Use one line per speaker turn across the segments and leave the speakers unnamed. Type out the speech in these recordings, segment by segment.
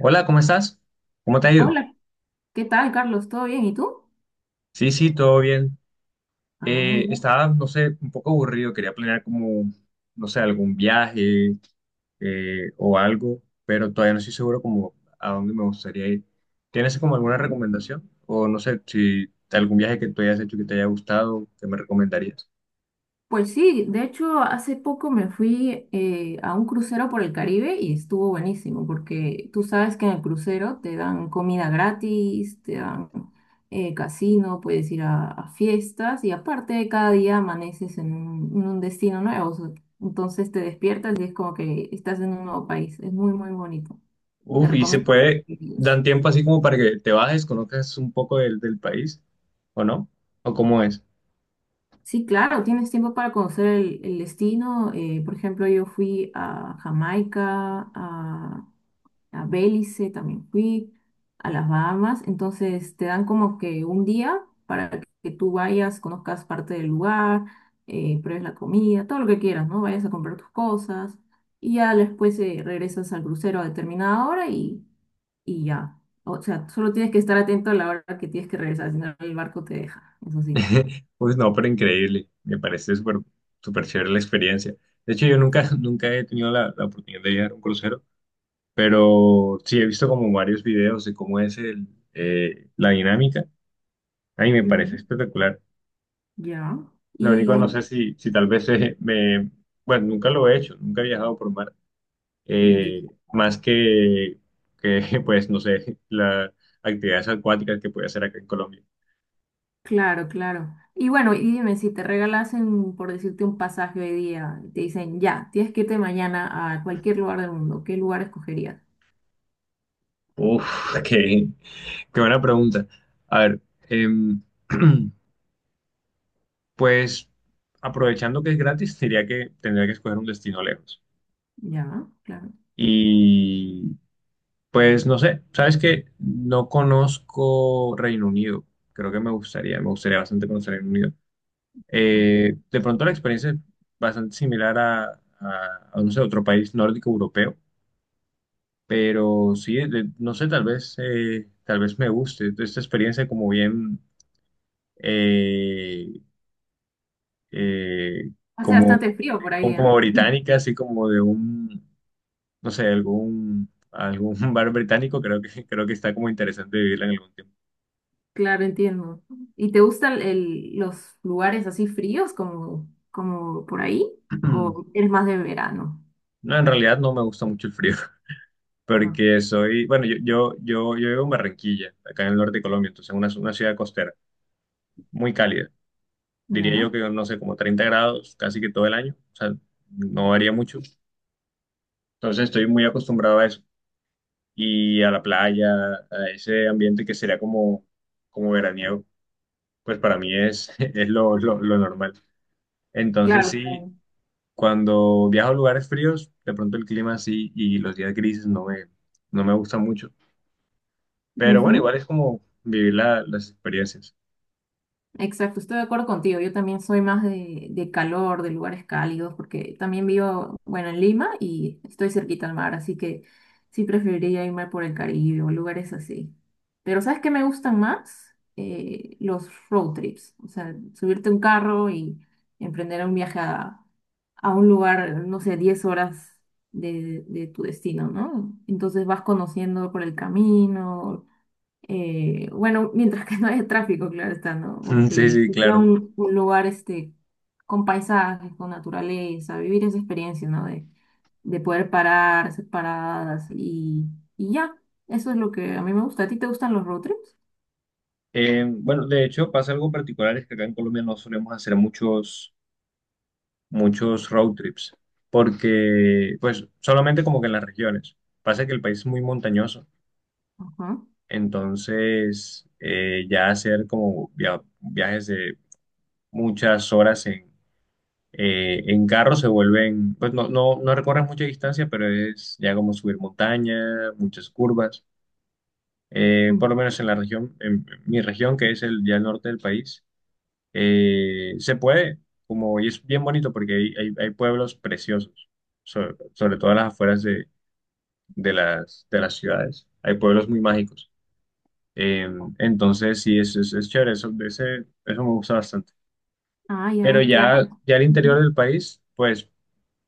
Hola, ¿cómo estás? ¿Cómo te ha ido?
Hola, ¿qué tal, Carlos? ¿Todo bien? ¿Y tú?
Sí, sí, todo bien.
Ah, ya,
Estaba, no sé, un poco aburrido, quería planear como, no sé, algún viaje o algo, pero todavía no estoy seguro como a dónde me gustaría ir. ¿Tienes como alguna
ya.
recomendación? O no sé, si algún viaje que tú hayas hecho que te haya gustado, ¿qué me recomendarías?
Pues sí, de hecho, hace poco me fui a un crucero por el Caribe y estuvo buenísimo, porque tú sabes que en el crucero te dan comida gratis, te dan casino, puedes ir a fiestas y aparte cada día amaneces en en un destino nuevo. Entonces te despiertas y es como que estás en un nuevo país. Es muy, muy bonito. Te
Uf, y se
recomiendo
puede,
que lo visites.
dan tiempo así como para que te bajes, conozcas un poco del país, ¿o no? ¿O cómo es?
Sí, claro, tienes tiempo para conocer el destino. Por ejemplo, yo fui a Jamaica, a Belice también fui, a las Bahamas. Entonces te dan como que un día para que tú vayas, conozcas parte del lugar, pruebes la comida, todo lo que quieras, ¿no? Vayas a comprar tus cosas y ya después regresas al crucero a determinada hora y ya. O sea, solo tienes que estar atento a la hora que tienes que regresar, si no el barco te deja, eso sí.
Pues no, pero increíble. Me parece súper súper chévere la experiencia. De hecho, yo nunca, nunca he tenido la oportunidad de viajar a un crucero, pero sí he visto como varios videos de cómo es el, la dinámica. A mí me parece espectacular.
Ya.
Lo único, no
Y,
sé si, si tal vez me... Bueno, nunca lo he hecho, nunca he viajado por mar. Eh,
y-
más que, pues, no sé, las actividades acuáticas que puede hacer acá en Colombia.
claro, claro. Y bueno, y dime, si te regalasen, por decirte, un pasaje hoy día, y te dicen, ya, tienes que irte mañana a cualquier lugar del mundo, ¿qué lugar escogerías?
Uf, que qué buena pregunta. A ver, em, pues aprovechando que es gratis, diría que tendría que escoger un destino lejos.
Ya, claro.
Y pues no sé, sabes que no conozco Reino Unido. Creo que me gustaría bastante conocer Reino Unido.
Ah,
De pronto la experiencia es bastante similar a no sé, otro país nórdico europeo, pero sí, no sé, tal vez me guste esta experiencia como bien. eh, eh,
hace
como,
bastante frío por ahí,
como, como
¿ah?
británica, así como de un, no sé, algún, algún bar británico, creo que está como interesante vivirla en algún tiempo.
Claro, entiendo. ¿Y te gustan los lugares así fríos como, como por ahí? ¿O eres más de verano?
No, en realidad no me gusta mucho el frío,
Ajá.
porque soy, bueno, yo vivo en Barranquilla, acá en el norte de Colombia, entonces una ciudad costera, muy cálida. Diría yo
Ya.
que, no sé, como 30 grados casi que todo el año, o sea, no varía mucho. Entonces estoy muy acostumbrado a eso y a la playa, a ese ambiente que sería como, como veraniego. Pues para mí es, es lo normal. Entonces
Claro,
sí,
claro.
cuando viajo a lugares fríos, de pronto el clima sí y los días grises no me, no me gustan mucho. Pero
Ujú.
bueno, igual es como vivir las experiencias.
Exacto, estoy de acuerdo contigo. Yo también soy más de calor, de lugares cálidos, porque también vivo, bueno, en Lima y estoy cerquita al mar, así que sí preferiría irme por el Caribe o lugares así. Pero ¿sabes qué me gustan más? Los road trips, o sea, subirte a un carro y emprender un viaje a un lugar, no sé, 10 horas de tu destino, ¿no? Entonces vas conociendo por el camino, bueno, mientras que no haya tráfico, claro está, ¿no? O
Sí,
que
sí,
sea
claro.
un lugar este, con paisajes, con naturaleza, vivir esa experiencia, ¿no? De poder parar, hacer paradas y ya. Eso es lo que a mí me gusta. ¿A ti te gustan los road trips?
Bueno, de hecho pasa algo particular, es que acá en Colombia no solemos hacer muchos, muchos road trips, porque pues solamente como que en las regiones. Pasa que el país es muy montañoso,
Ajá.
entonces ya hacer como viajes de muchas horas en carro, se vuelven, pues no, no, no recorres mucha distancia, pero es ya como subir montaña, muchas curvas.
Mm.
Por lo menos en la región, en mi región, que es el, ya el norte del país, se puede, como, y es bien bonito porque hay, hay pueblos preciosos, sobre, sobre todo en las afueras de las ciudades. Hay pueblos muy mágicos. Eh, entonces, sí, es chévere, eso, ese, eso me gusta bastante.
Ah,
Pero
ya, claro.
ya, ya el interior
Ujú.
del país, pues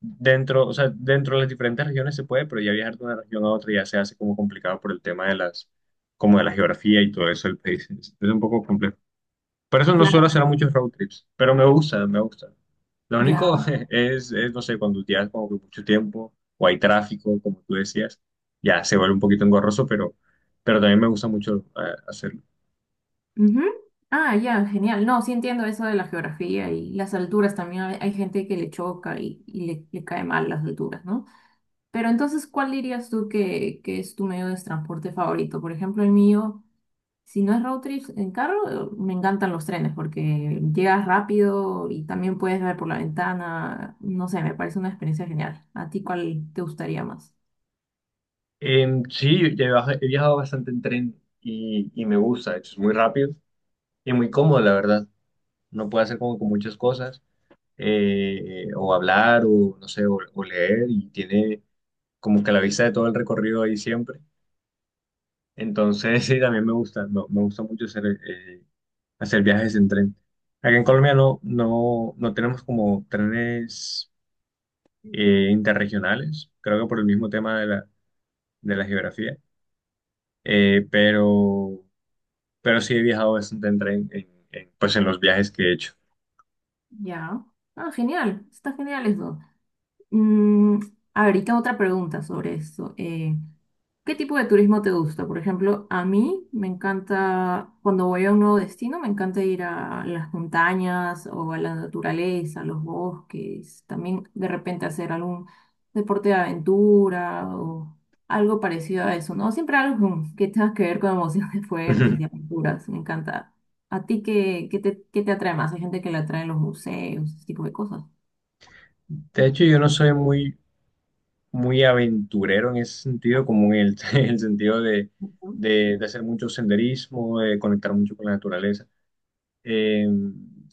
dentro, o sea, dentro de las diferentes regiones se puede, pero ya viajar de una región a otra ya se hace como complicado por el tema de las, como de la geografía y todo eso del país. Es un poco complejo. Por eso no suelo
Claro,
hacer muchos road trips, pero me gusta, me gusta. Lo único
ya.
es, no sé, cuando tienes como que mucho tiempo o hay tráfico, como tú decías, ya se vuelve un poquito engorroso, pero también me gusta mucho hacerlo.
Ujú. Ah, ya, genial. No, sí entiendo eso de la geografía y las alturas también. Hay gente que le choca y le cae mal las alturas, ¿no? Pero entonces, ¿cuál dirías tú que es tu medio de transporte favorito? Por ejemplo, el mío, si no es road trip en carro, me encantan los trenes porque llegas rápido y también puedes ver por la ventana. No sé, me parece una experiencia genial. ¿A ti cuál te gustaría más?
Sí, ya he viajado bastante en tren y me gusta, de hecho, es muy rápido y muy cómodo, la verdad. No puede hacer como que muchas cosas, o hablar, o no sé, o leer, y tiene como que la vista de todo el recorrido ahí siempre. Entonces, sí, también me gusta, me gusta mucho hacer, hacer viajes en tren. Acá en Colombia no, no, no tenemos como trenes interregionales, creo que por el mismo tema de la geografía, eh, pero, pero sí he viajado bastante en tren, pues en los viajes que he hecho.
Ya. Ah, genial. Está genial eso. Mm, a ver, y tengo otra pregunta sobre esto. ¿Qué tipo de turismo te gusta? Por ejemplo, a mí me encanta, cuando voy a un nuevo destino, me encanta ir a las montañas o a la naturaleza, a los bosques, también de repente hacer algún deporte de aventura o algo parecido a eso, ¿no? Siempre algo que tenga que ver con emociones fuertes
De
y aventuras, me encanta. ¿A ti qué, qué te atrae más? Hay gente que le atraen los museos, ese tipo de cosas.
hecho, yo no soy muy, muy aventurero en ese sentido, como en el, en el sentido de,
Ujú,
de hacer mucho senderismo, de conectar mucho con la naturaleza. Eh,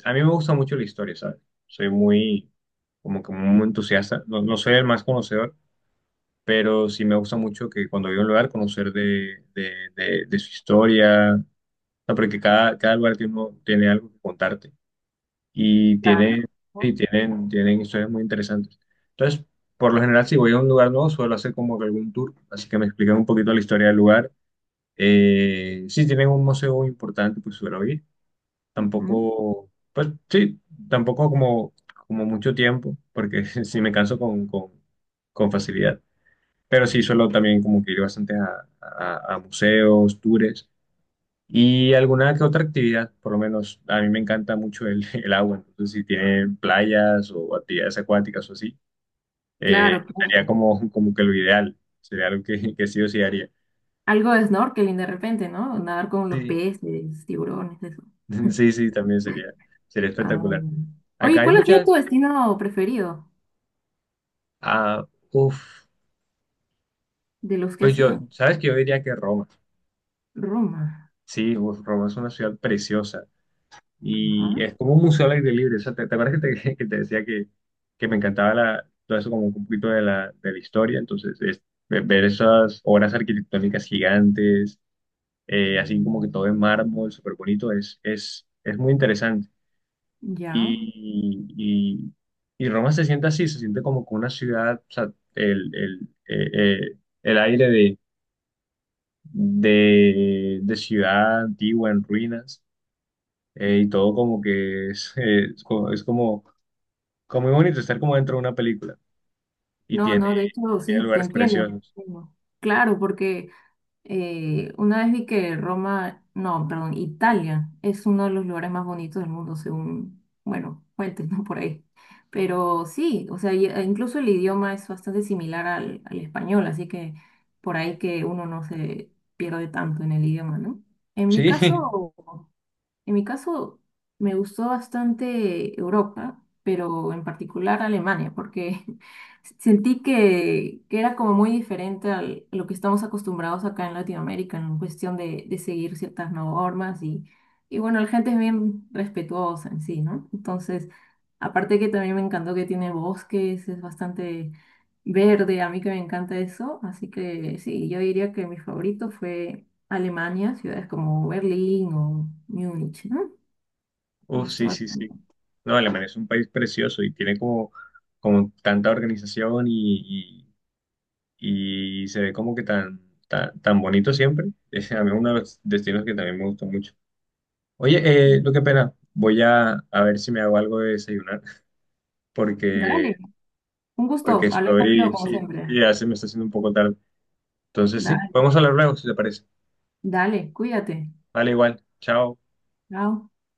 a mí me gusta mucho la historia, ¿sabes? Soy muy, como que muy entusiasta, no, no soy el más conocedor, pero sí me gusta mucho que cuando voy a un lugar conocer de, de su historia, o sea, porque cada, cada lugar tiene, tiene algo que contarte y
Claro.
tienen, y
ujú.
tienen, tienen historias muy interesantes. Entonces, por lo general, si voy a un lugar nuevo, suelo hacer como que algún tour, así que me explican un poquito la historia del lugar. Si tienen un museo importante, pues suelo ir.
Ujú.
Tampoco, pues sí, tampoco como, como mucho tiempo, porque sí me canso con facilidad. Pero sí suelo también como que ir bastante a museos, tours. Y alguna que otra actividad, por lo menos a mí me encanta mucho el, el agua, entonces si tienen playas o actividades acuáticas o así, eh,
Claro, claro.
sería como, como que lo ideal, sería algo que sí o sí haría.
Algo de snorkeling de repente, ¿no? Nadar con los
Sí,
peces, tiburones, eso.
sí, sí, también sería, sería
Ah,
espectacular. Acá
oye,
hay
¿cuál ha sido
muchas,
tu destino preferido
ah, uf,
de los que
pues
has
yo,
ido?
sabes que yo diría que Roma,
Roma.
sí, uf, Roma es una ciudad preciosa.
Ajá.
Y es como un museo al aire libre. O sea, ¿te, te acuerdas que te, que te decía que me encantaba la, todo eso como un poquito de la historia? Entonces, es ver esas obras arquitectónicas gigantes, así como que todo en mármol, súper bonito, es muy interesante.
Ya.
Y, y, y Roma se siente así, se siente como que una ciudad, o sea, el, el, eh, el aire de ciudad antigua en ruinas y todo como que es, es como, como muy bonito estar como dentro de una película. Y
No,
tiene,
no, de hecho,
tiene
sí, te
lugares
entiendo.
preciosos.
Entiendo. Claro, porque una vez vi que Roma, no, perdón, Italia es uno de los lugares más bonitos del mundo, según, bueno, fuentes, ¿no? Por ahí. Pero sí, o sea, e incluso el idioma es bastante similar al español, así que por ahí que uno no se pierde tanto en el idioma, ¿no? En mi
Sí,
caso, en mi caso, me gustó bastante Europa, pero en particular Alemania, porque sentí que era como muy diferente a lo que estamos acostumbrados acá en Latinoamérica, en cuestión de seguir ciertas normas y bueno, la gente es bien respetuosa en sí, ¿no? Entonces, aparte que también me encantó que tiene bosques, es bastante verde, a mí que me encanta eso, así que sí, yo diría que mi favorito fue Alemania, ciudades como Berlín o Múnich, ¿no? Me
uff,
gustó
sí, sí,
bastante.
sí. No, Alemania es un país precioso y tiene como, como tanta organización y se ve como que tan, tan, tan bonito siempre. Es a mí uno de los destinos que también me gustó mucho. Oye,
Sí.
lo que pena, voy a ver si me hago algo de desayunar porque,
Dale, un
porque
gusto hablar
estoy,
contigo como
sí,
siempre.
sí, ya se me está haciendo un poco tarde. Entonces, sí,
Dale,
podemos hablar luego si te parece.
dale, cuídate.
Vale, igual, chao.
Chao.